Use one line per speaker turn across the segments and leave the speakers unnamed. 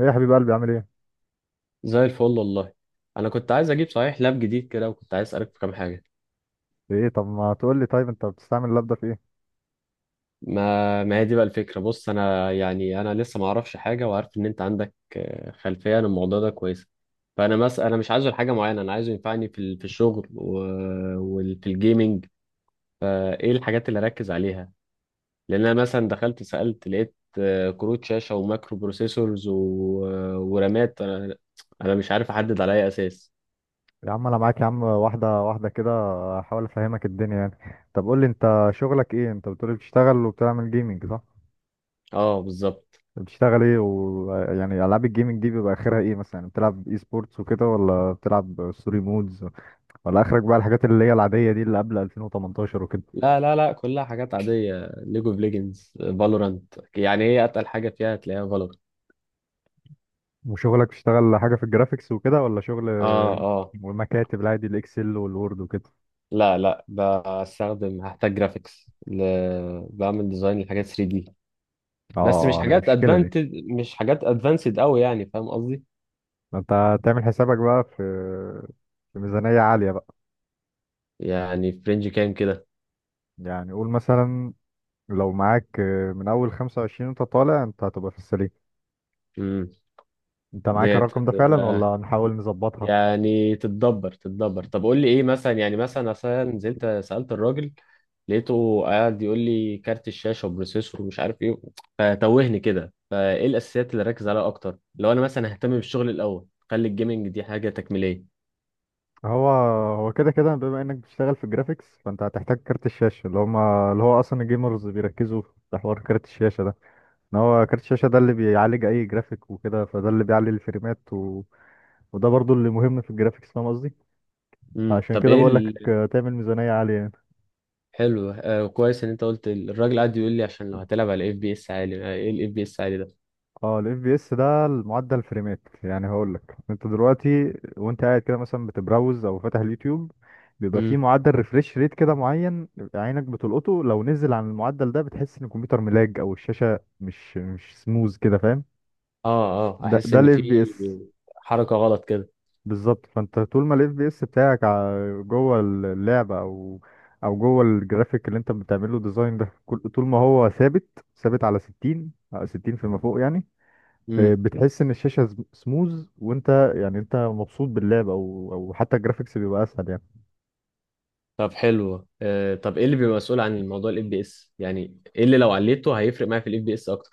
ايه يا حبيب قلبي عامل ايه؟
زي الفل والله. انا كنت عايز اجيب صحيح لاب جديد كده، وكنت عايز اسالك في كام حاجه.
في ايه؟ طب ما تقول لي، طيب انت بتستعمل اللاب ده في ايه؟
ما هي دي بقى الفكره. بص، انا لسه ما اعرفش حاجه، وعارف ان انت عندك خلفيه عن الموضوع ده كويسه. فانا مس انا مش عايزه لحاجه معينه، انا عايزه ينفعني في في الشغل وفي الجيمنج. فايه الحاجات اللي اركز عليها؟ لان انا مثلا دخلت سالت لقيت كروت شاشه ومايكرو بروسيسورز و... ورامات. انا مش عارف احدد على اي اساس.
يا عم انا معاك، يا عم واحدة واحدة كده احاول افهمك الدنيا يعني. طب قول لي انت شغلك ايه؟ انت بتقول لي بتشتغل وبتعمل جيمنج صح؟
اه، بالظبط.
بتشتغل ايه؟ ويعني العاب الجيمنج دي بيبقى اخرها ايه مثلا؟ يعني بتلعب اي سبورتس وكده، ولا بتلعب ستوري مودز، ولا اخرك بقى الحاجات اللي هي العادية دي اللي قبل 2018 وكده؟
لا لا لا، كلها حاجات عادية، ليج اوف ليجندز، فالورانت. يعني ايه اتقل حاجة فيها تلاقيها فالورانت.
وشغلك بتشتغل حاجة في الجرافيكس وكده، ولا شغل
اه اه.
ومكاتب العادي، الاكسل والوورد وكده؟
لا لا، هحتاج جرافيكس ل... بعمل ديزاين لحاجات 3 دي.
اه
بس
المشكلة دي.
مش حاجات ادفانسد قوي، يعني فاهم قصدي.
ما انت تعمل حسابك بقى في ميزانية عالية بقى.
يعني في رينج كام كده؟
يعني قول مثلا، لو معاك من أول خمسة وعشرين، أنت طالع، أنت هتبقى في السليم.
امم.
أنت معاك
ديت
الرقم ده فعلا
هتبقى،
ولا نحاول نظبطها؟
يعني تتدبر تتدبر. طب قول لي ايه مثلا؟ يعني مثلا اصلا نزلت سألت الراجل، لقيته قاعد يقول لي كارت الشاشة وبروسيسور ومش عارف ايه، فتوهني كده. فايه الاساسيات اللي ركز عليها اكتر؟ لو انا مثلا ههتم بالشغل الاول، خلي الجيمنج دي حاجة تكميلية.
هو هو كده كده بما إنك بتشتغل في الجرافيكس، فأنت هتحتاج كارت الشاشة، اللي هما اللي هو أصلا الجيمرز بيركزوا في حوار كارت الشاشة ده، إن هو كارت الشاشة ده اللي بيعالج أي جرافيك وكده، فده اللي بيعلي الفريمات وده برضو اللي مهم في الجرافيكس، فاهم قصدي؟
امم،
عشان
طب
كده
ايه
بقول لك تعمل ميزانية عالية.
حلو، كويس ان انت قلت، الراجل قاعد يقول لي، عشان لو هتلعب على اف بي اس عالي، ايه الاف بي اس عالي ده؟
اه الاف بي اس ده المعدل فريمات. يعني هقول لك، انت دلوقتي وانت قاعد كده مثلا بتبراوز او فاتح اليوتيوب، بيبقى فيه
امم.
معدل ريفريش ريت كده معين، عينك بتلقطه. لو نزل عن المعدل ده بتحس ان الكمبيوتر ملاج، او الشاشه مش سموز كده، فاهم؟
اه، اه
ده
احس
ده
ان
الاف
في
بي اس.
حركة غلط كده.
بالظبط، فانت طول ما الاف بي اس بتاعك جوه اللعبه او جوه الجرافيك اللي انت بتعمله ديزاين ده، طول ما هو ثابت ثابت على 60 على 60 فيما فوق يعني، بتحس ان الشاشه سموز، وانت يعني انت مبسوط باللعب، او حتى الجرافيكس بيبقى اسهل يعني.
طب، حلو. طب ايه اللي بيبقى مسؤول عن الموضوع الاف بي اس؟ يعني ايه اللي لو عليته هيفرق معايا في الاف بي اس اكتر؟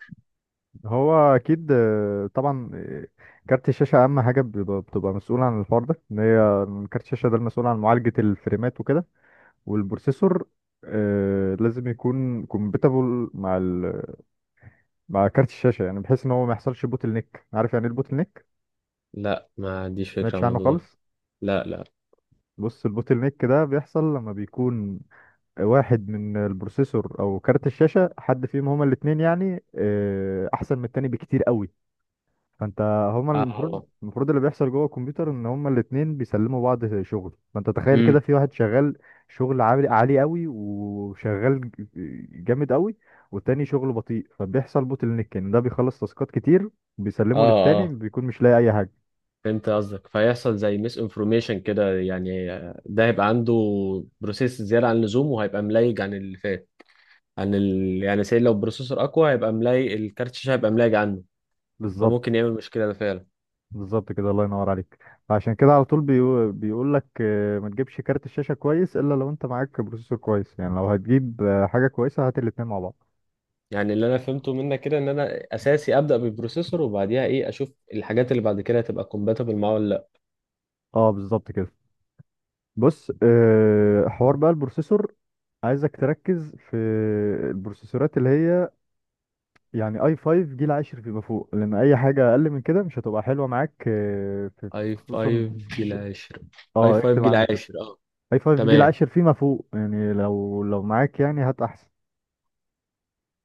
هو اكيد، طبعا، كارت الشاشه اهم حاجه بتبقى مسؤول عن الحوار ده، ان هي كارت الشاشه ده المسؤول عن معالجه الفريمات وكده. والبروسيسور لازم يكون كومباتبل مع كارت الشاشه، يعني بحيث ان هو ما يحصلش بوتل نيك. عارف يعني ايه البوتل نيك؟
لا، ما عنديش
ما
فكره
سمعتش
عن
عنه
الموضوع ده.
خالص؟
لا لا.
بص، البوتل نيك ده بيحصل لما بيكون واحد من البروسيسور او كارت الشاشه، حد فيهم هما الاثنين يعني احسن من التاني بكتير قوي. فانت، هما المفروض
اه.
المفروض اللي بيحصل جوه الكمبيوتر ان هما الاثنين بيسلموا بعض شغل. فانت تخيل كده،
امم.
في واحد شغال شغل عالي عالي قوي، وشغال جامد قوي، والتاني شغله بطيء، فبيحصل بوتل نيك، ان ده بيخلص تاسكات كتير،
اه
بيسلمه للتاني
اه،
بيكون مش لاقي اي حاجه.
فهمت قصدك. فيحصل زي ميس انفورميشن كده، يعني ده هيبقى عنده بروسيس زياده عن اللزوم، وهيبقى ملايج عن اللي فات، عن ال... يعني سي لو البروسيسور اقوى هيبقى ملايج، الكارت الشاشه هيبقى ملايج عنه،
بالظبط،
فممكن يعمل مشكله ده فعلا.
بالظبط كده، الله ينور عليك. فعشان كده على طول بيقول لك ما تجيبش كارت الشاشة كويس الا لو انت معاك بروسيسور كويس. يعني لو هتجيب حاجة كويسة، هات الاتنين مع بعض.
يعني اللي انا فهمته منك كده، ان انا اساسي ابدا بالبروسيسور، وبعديها ايه؟ اشوف الحاجات اللي بعد كده هتبقى كومباتبل معاه ولا لا.
اه بالظبط كده. بص، حوار بقى البروسيسور، عايزك تركز في البروسيسورات اللي هي يعني اي 5 جيل عاشر فيما فوق، لان اي حاجة اقل من كده مش هتبقى حلوة معاك
اي
خصوصا
5 جيل 10. اي
اه
5
اكتب
جيل
عندك كده
10، اه.
اي 5 جيل
تمام.
عاشر فيما فوق. يعني لو معاك يعني هات احسن.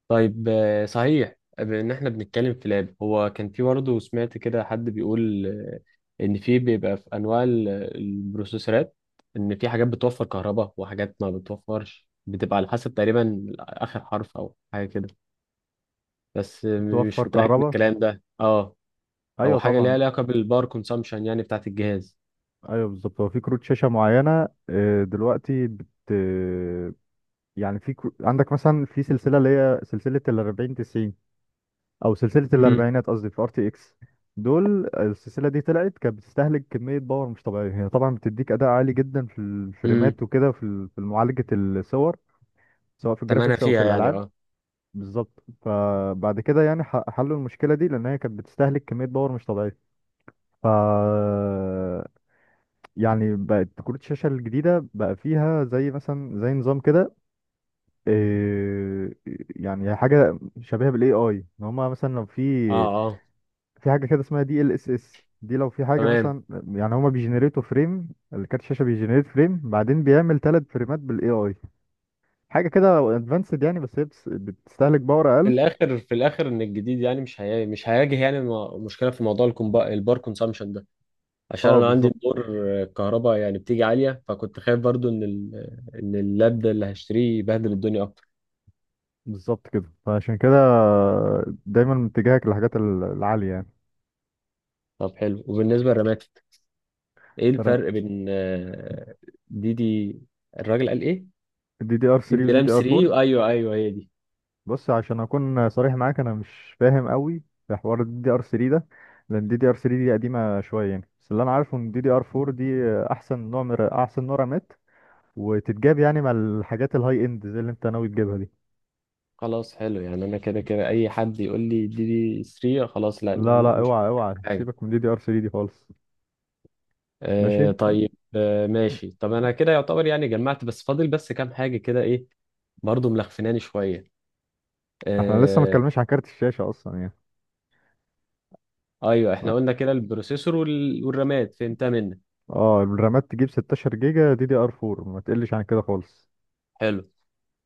طيب، صحيح، بما ان احنا بنتكلم في لاب، هو كان في، برضه سمعت كده حد بيقول، ان في بيبقى في انواع البروسيسورات، ان في حاجات بتوفر كهرباء وحاجات ما بتوفرش، بتبقى على حسب تقريبا اخر حرف او حاجه كده، بس
توفر
مش متاكد من
كهرباء؟
الكلام ده. اه. او
ايوه
حاجه ليها
طبعا.
علاقه بالباور كونسامشن، يعني بتاعه الجهاز.
ايوه بالظبط، هو في كروت شاشه معينه دلوقتي يعني عندك مثلا في سلسله، اللي هي سلسله ال 40 90، او سلسله
امم.
الاربعينات قصدي، في ار تي اكس. دول السلسله دي طلعت كانت بتستهلك كميه باور مش طبيعيه. هي طبعا بتديك اداء عالي جدا في
امم.
الفريمات وكده، في ال- في معالجه الصور، سواء في
تمنها
الجرافيكس او في
فيها يعني،
الالعاب.
اه.
بالظبط. فبعد كده يعني حلوا المشكله دي، لان هي كانت بتستهلك كميه باور مش طبيعيه. ف يعني بقت كروت الشاشة الجديدة بقى فيها زي مثلا زي نظام كده، إيه، يعني حاجة شبيهة بالاي اي، ان هما مثلا لو في،
اه اه.
في حاجة كده اسمها دي ال اس اس دي، لو في حاجة
تمام.
مثلا يعني هما بيجنريتوا فريم، الكارت الشاشة بيجنريت فريم بعدين بيعمل ثلاث فريمات بالاي اي. حاجة كده ادفانسد يعني، بس هي بتستهلك باور
في
اقل.
الاخر في الاخر ان الجديد، يعني مش هيواجه، يعني مشكله في موضوع البار كونسامشن ده، عشان
اه
انا عندي
بالظبط.
دور الكهرباء يعني بتيجي عاليه، فكنت خايف برضو ان ان اللاب ده اللي هشتريه يبهدل الدنيا اكتر.
بالظبط كده، فعشان كده دايما اتجاهك للحاجات العالية يعني.
طب، حلو. وبالنسبه للرامات، ايه الفرق بين دي دي؟ الراجل قال ايه؟
دي دي ار
دي
3
دي
ودي
رام
دي ار
3.
4؟
ايوه ايوه، هي دي.
بص عشان اكون صريح معاك انا مش فاهم قوي في حوار الدي دي ار 3 ده، لان الدي دي ار 3 دي قديمه شويه يعني. بس اللي انا عارفه ان الدي دي ار 4 دي احسن نوع، من احسن نوع رامات، وتتجاب يعني مع الحاجات الهاي اند زي اللي انت ناوي تجيبها دي.
خلاص. حلو، يعني انا كده كده اي حد يقول لي دي دي 3 خلاص، لا
لا
أنا
لا
مش
اوعى اوعى
حاجه.
سيبك من الدي دي ار 3 دي خالص. ماشي.
طيب، ماشي. طب انا كده يعتبر يعني جمعت، بس فاضل بس كام حاجه كده. ايه؟ برضو ملخفناني شويه.
احنا لسه ما
آه
اتكلمناش عن كارت الشاشه اصلا يعني.
ايوه، احنا قلنا كده البروسيسور والرامات فهمتها منك.
اه، الرامات تجيب 16 جيجا دي دي ار 4، ما تقلش عن كده خالص.
حلو،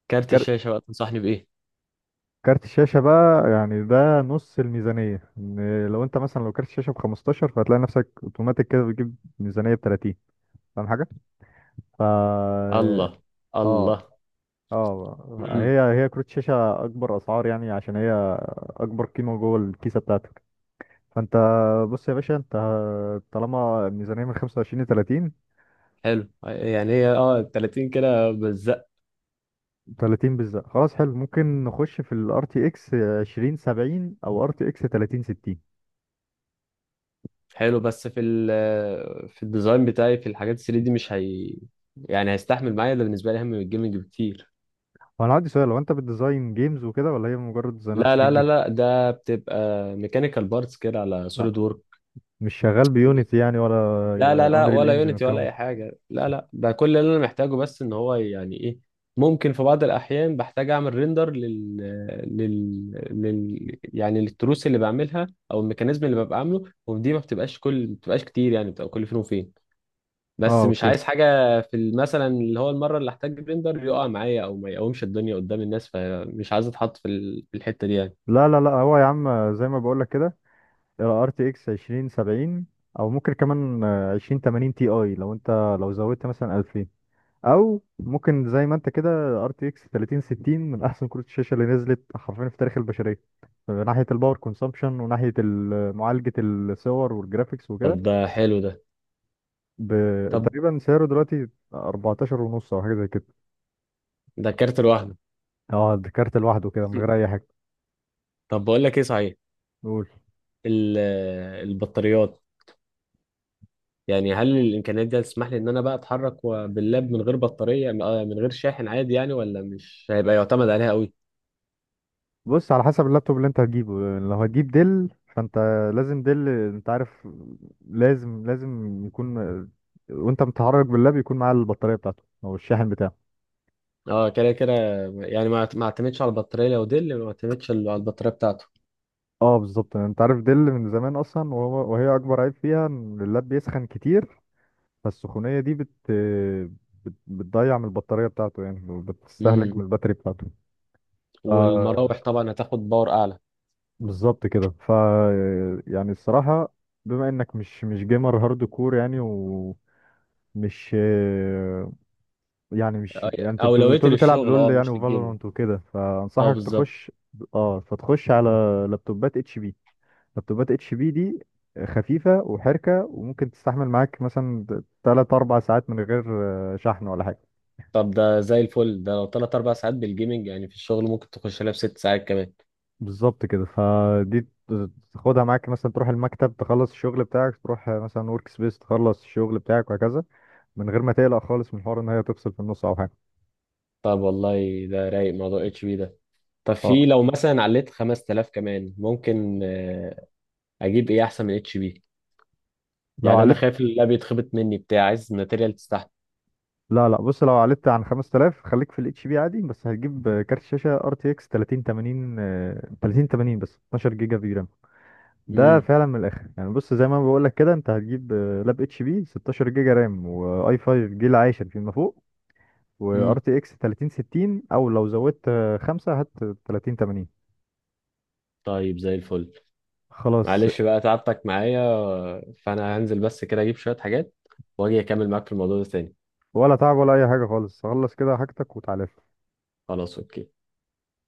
كارت الشاشه بقى تنصحني بايه؟
كارت الشاشة بقى يعني ده نص الميزانية. إن لو انت مثلا، لو كارت الشاشة ب 15، فهتلاقي نفسك اوتوماتيك كده بتجيب ميزانية ب 30، فاهم حاجة؟ ف اه
الله. الله.
اه،
امم
هي كروت شاشة أكبر أسعار، يعني عشان هي أكبر قيمة جوه الكيسة بتاعتك. فأنت، بص يا باشا، أنت طالما الميزانية من 25 ل 30،
حلو، يعني هي اه 30 كده بس؟
30 بالظبط، خلاص حلو، ممكن نخش في ال RTX 2070 أو RTX 3060.
حلو. بس في الديزاين بتاعي، في الحاجات 3 دي، مش هي يعني هيستحمل معايا؟ ده بالنسبة لي أهم من الجيمنج بكتير.
هو انا عندي سؤال، هو انت بتديزاين جيمز وكده ولا هي مجرد ديزاينات
لا
3
لا لا
دي؟
لا، ده بتبقى ميكانيكال بارتس كده على
لا
سوليد وورك.
مش شغال بيونيتي يعني،
لا لا
ولا
لا،
انريل
ولا
انجن
يونيتي ولا
والكلام
أي
ده؟
حاجة، لا لا. ده كل اللي أنا محتاجه، بس إن هو يعني إيه، ممكن في بعض الأحيان بحتاج أعمل ريندر لل... لل... لل يعني للتروس اللي بعملها، أو الميكانيزم اللي ببقى عامله، ودي ما بتبقاش، كل ما بتبقاش كتير، يعني بتبقى كل فين وفين.
اه
بس مش
اوكي.
عايز حاجة في مثلا، اللي هو المرة اللي احتاج بلندر يقع معايا، او ما يقومش الدنيا قدام الناس، فمش عايز اتحط في في الحتة دي يعني.
لا لا لا، هو يا عم زي ما بقول لك كده، ار تي اكس 2070، او ممكن كمان 2080 تي اي لو انت، لو زودت مثلا 2000، او ممكن زي ما انت كده ار تي اكس 3060، من احسن كروت الشاشه اللي نزلت حرفيا في تاريخ البشريه، من ناحيه الباور كونسامبشن، وناحيه ال- معالجه الصور والجرافيكس وكده.
طب ده حلو ده.
ب...
طب
تقريبا سعره دلوقتي 14 ونص او حاجه زي كده.
ده كارت لوحده؟
اه، ده كارت لوحده كده من غير اي حاجه.
طب بقول لك ايه صحيح،
قول.
ال- البطاريات، يعني هل الامكانيات دي هتسمح لي ان انا بقى اتحرك باللاب من غير بطارية، من غير شاحن عادي؟ يعني ولا مش هيبقى يعتمد عليها قوي؟
بص على حسب اللابتوب اللي انت هتجيبه. لو هتجيب ديل، فانت لازم، ديل انت عارف، لازم لازم يكون، وانت متحرك باللاب، يكون معاه البطاريه بتاعته او الشاحن بتاعه.
اه، كده كده، يعني ما اعتمدش على البطارية، لو دي اللي ما اعتمدش على البطارية بتاعته.
اه بالظبط، يعني انت عارف ديل من زمان اصلا، وهي اكبر عيب فيها ان اللاب بيسخن كتير، فالسخونيه دي بتضيع من البطاريه بتاعته يعني، وبتستهلك
امم.
من الباتري بتاعته. ف-
والمراوح طبعا هتاخد باور اعلى.
بالظبط كده. يعني الصراحة، بما انك مش جيمر هارد كور يعني، ومش يعني، مش يعني انت
اولويتي
بتقول بتلعب
للشغل،
لول
اه،
يعني
مش للجيمنج.
وفالورانت وكده،
اه
فانصحك
بالظبط.
تخش، اه فتخش على لابتوبات اتش بي لابتوبات اتش بي دي، خفيفة وحركة وممكن تستحمل معاك مثلا تلات أربع ساعات من غير شحن ولا حاجة.
طب ده زي الفل. ده لو 3 او 4 ساعات بالجيمنج، يعني في الشغل ممكن تخش لها ب 6 ساعات كمان.
بالظبط كده. فدي تاخدها معاك مثلا، تروح المكتب تخلص الشغل بتاعك، تروح مثلا ورك سبيس تخلص الشغل بتاعك، وهكذا، من غير ما تقلق خالص من حوار ان هي تفصل في النص او حاجه.
طب والله، ده رايق موضوع اتش بي ده. طب،
اه
في لو مثلا عليت 5000 كمان، ممكن اجيب ايه احسن من اتش بي؟
لو
يعني انا
عليت،
خايف اللاب يتخبط مني، بتاع عايز ماتيريال تستحمل.
لا لا، بص لو عليت عن 5000، خليك في الاتش بي عادي، بس هتجيب كارت شاشه ار تي اكس 3080، 3080 بس 12 جيجا في رام. ده
امم.
فعلا من الاخر يعني. بص زي ما بقول لك كده، انت هتجيب لاب اتش بي 16 جيجا رام، واي 5 جيل عاشر فيما فوق، وار
امم.
تي اكس 3060، او لو زودت خمسة، هات 3080.
طيب، زي الفل.
خلاص.
معلش بقى تعبتك معايا. فانا هنزل بس كده اجيب شوية حاجات، واجي اكمل معاك في الموضوع ده تاني.
ولا تعب ولا اي حاجه خالص. خلص كده حاجتك وتعالى.
خلاص، اوكي.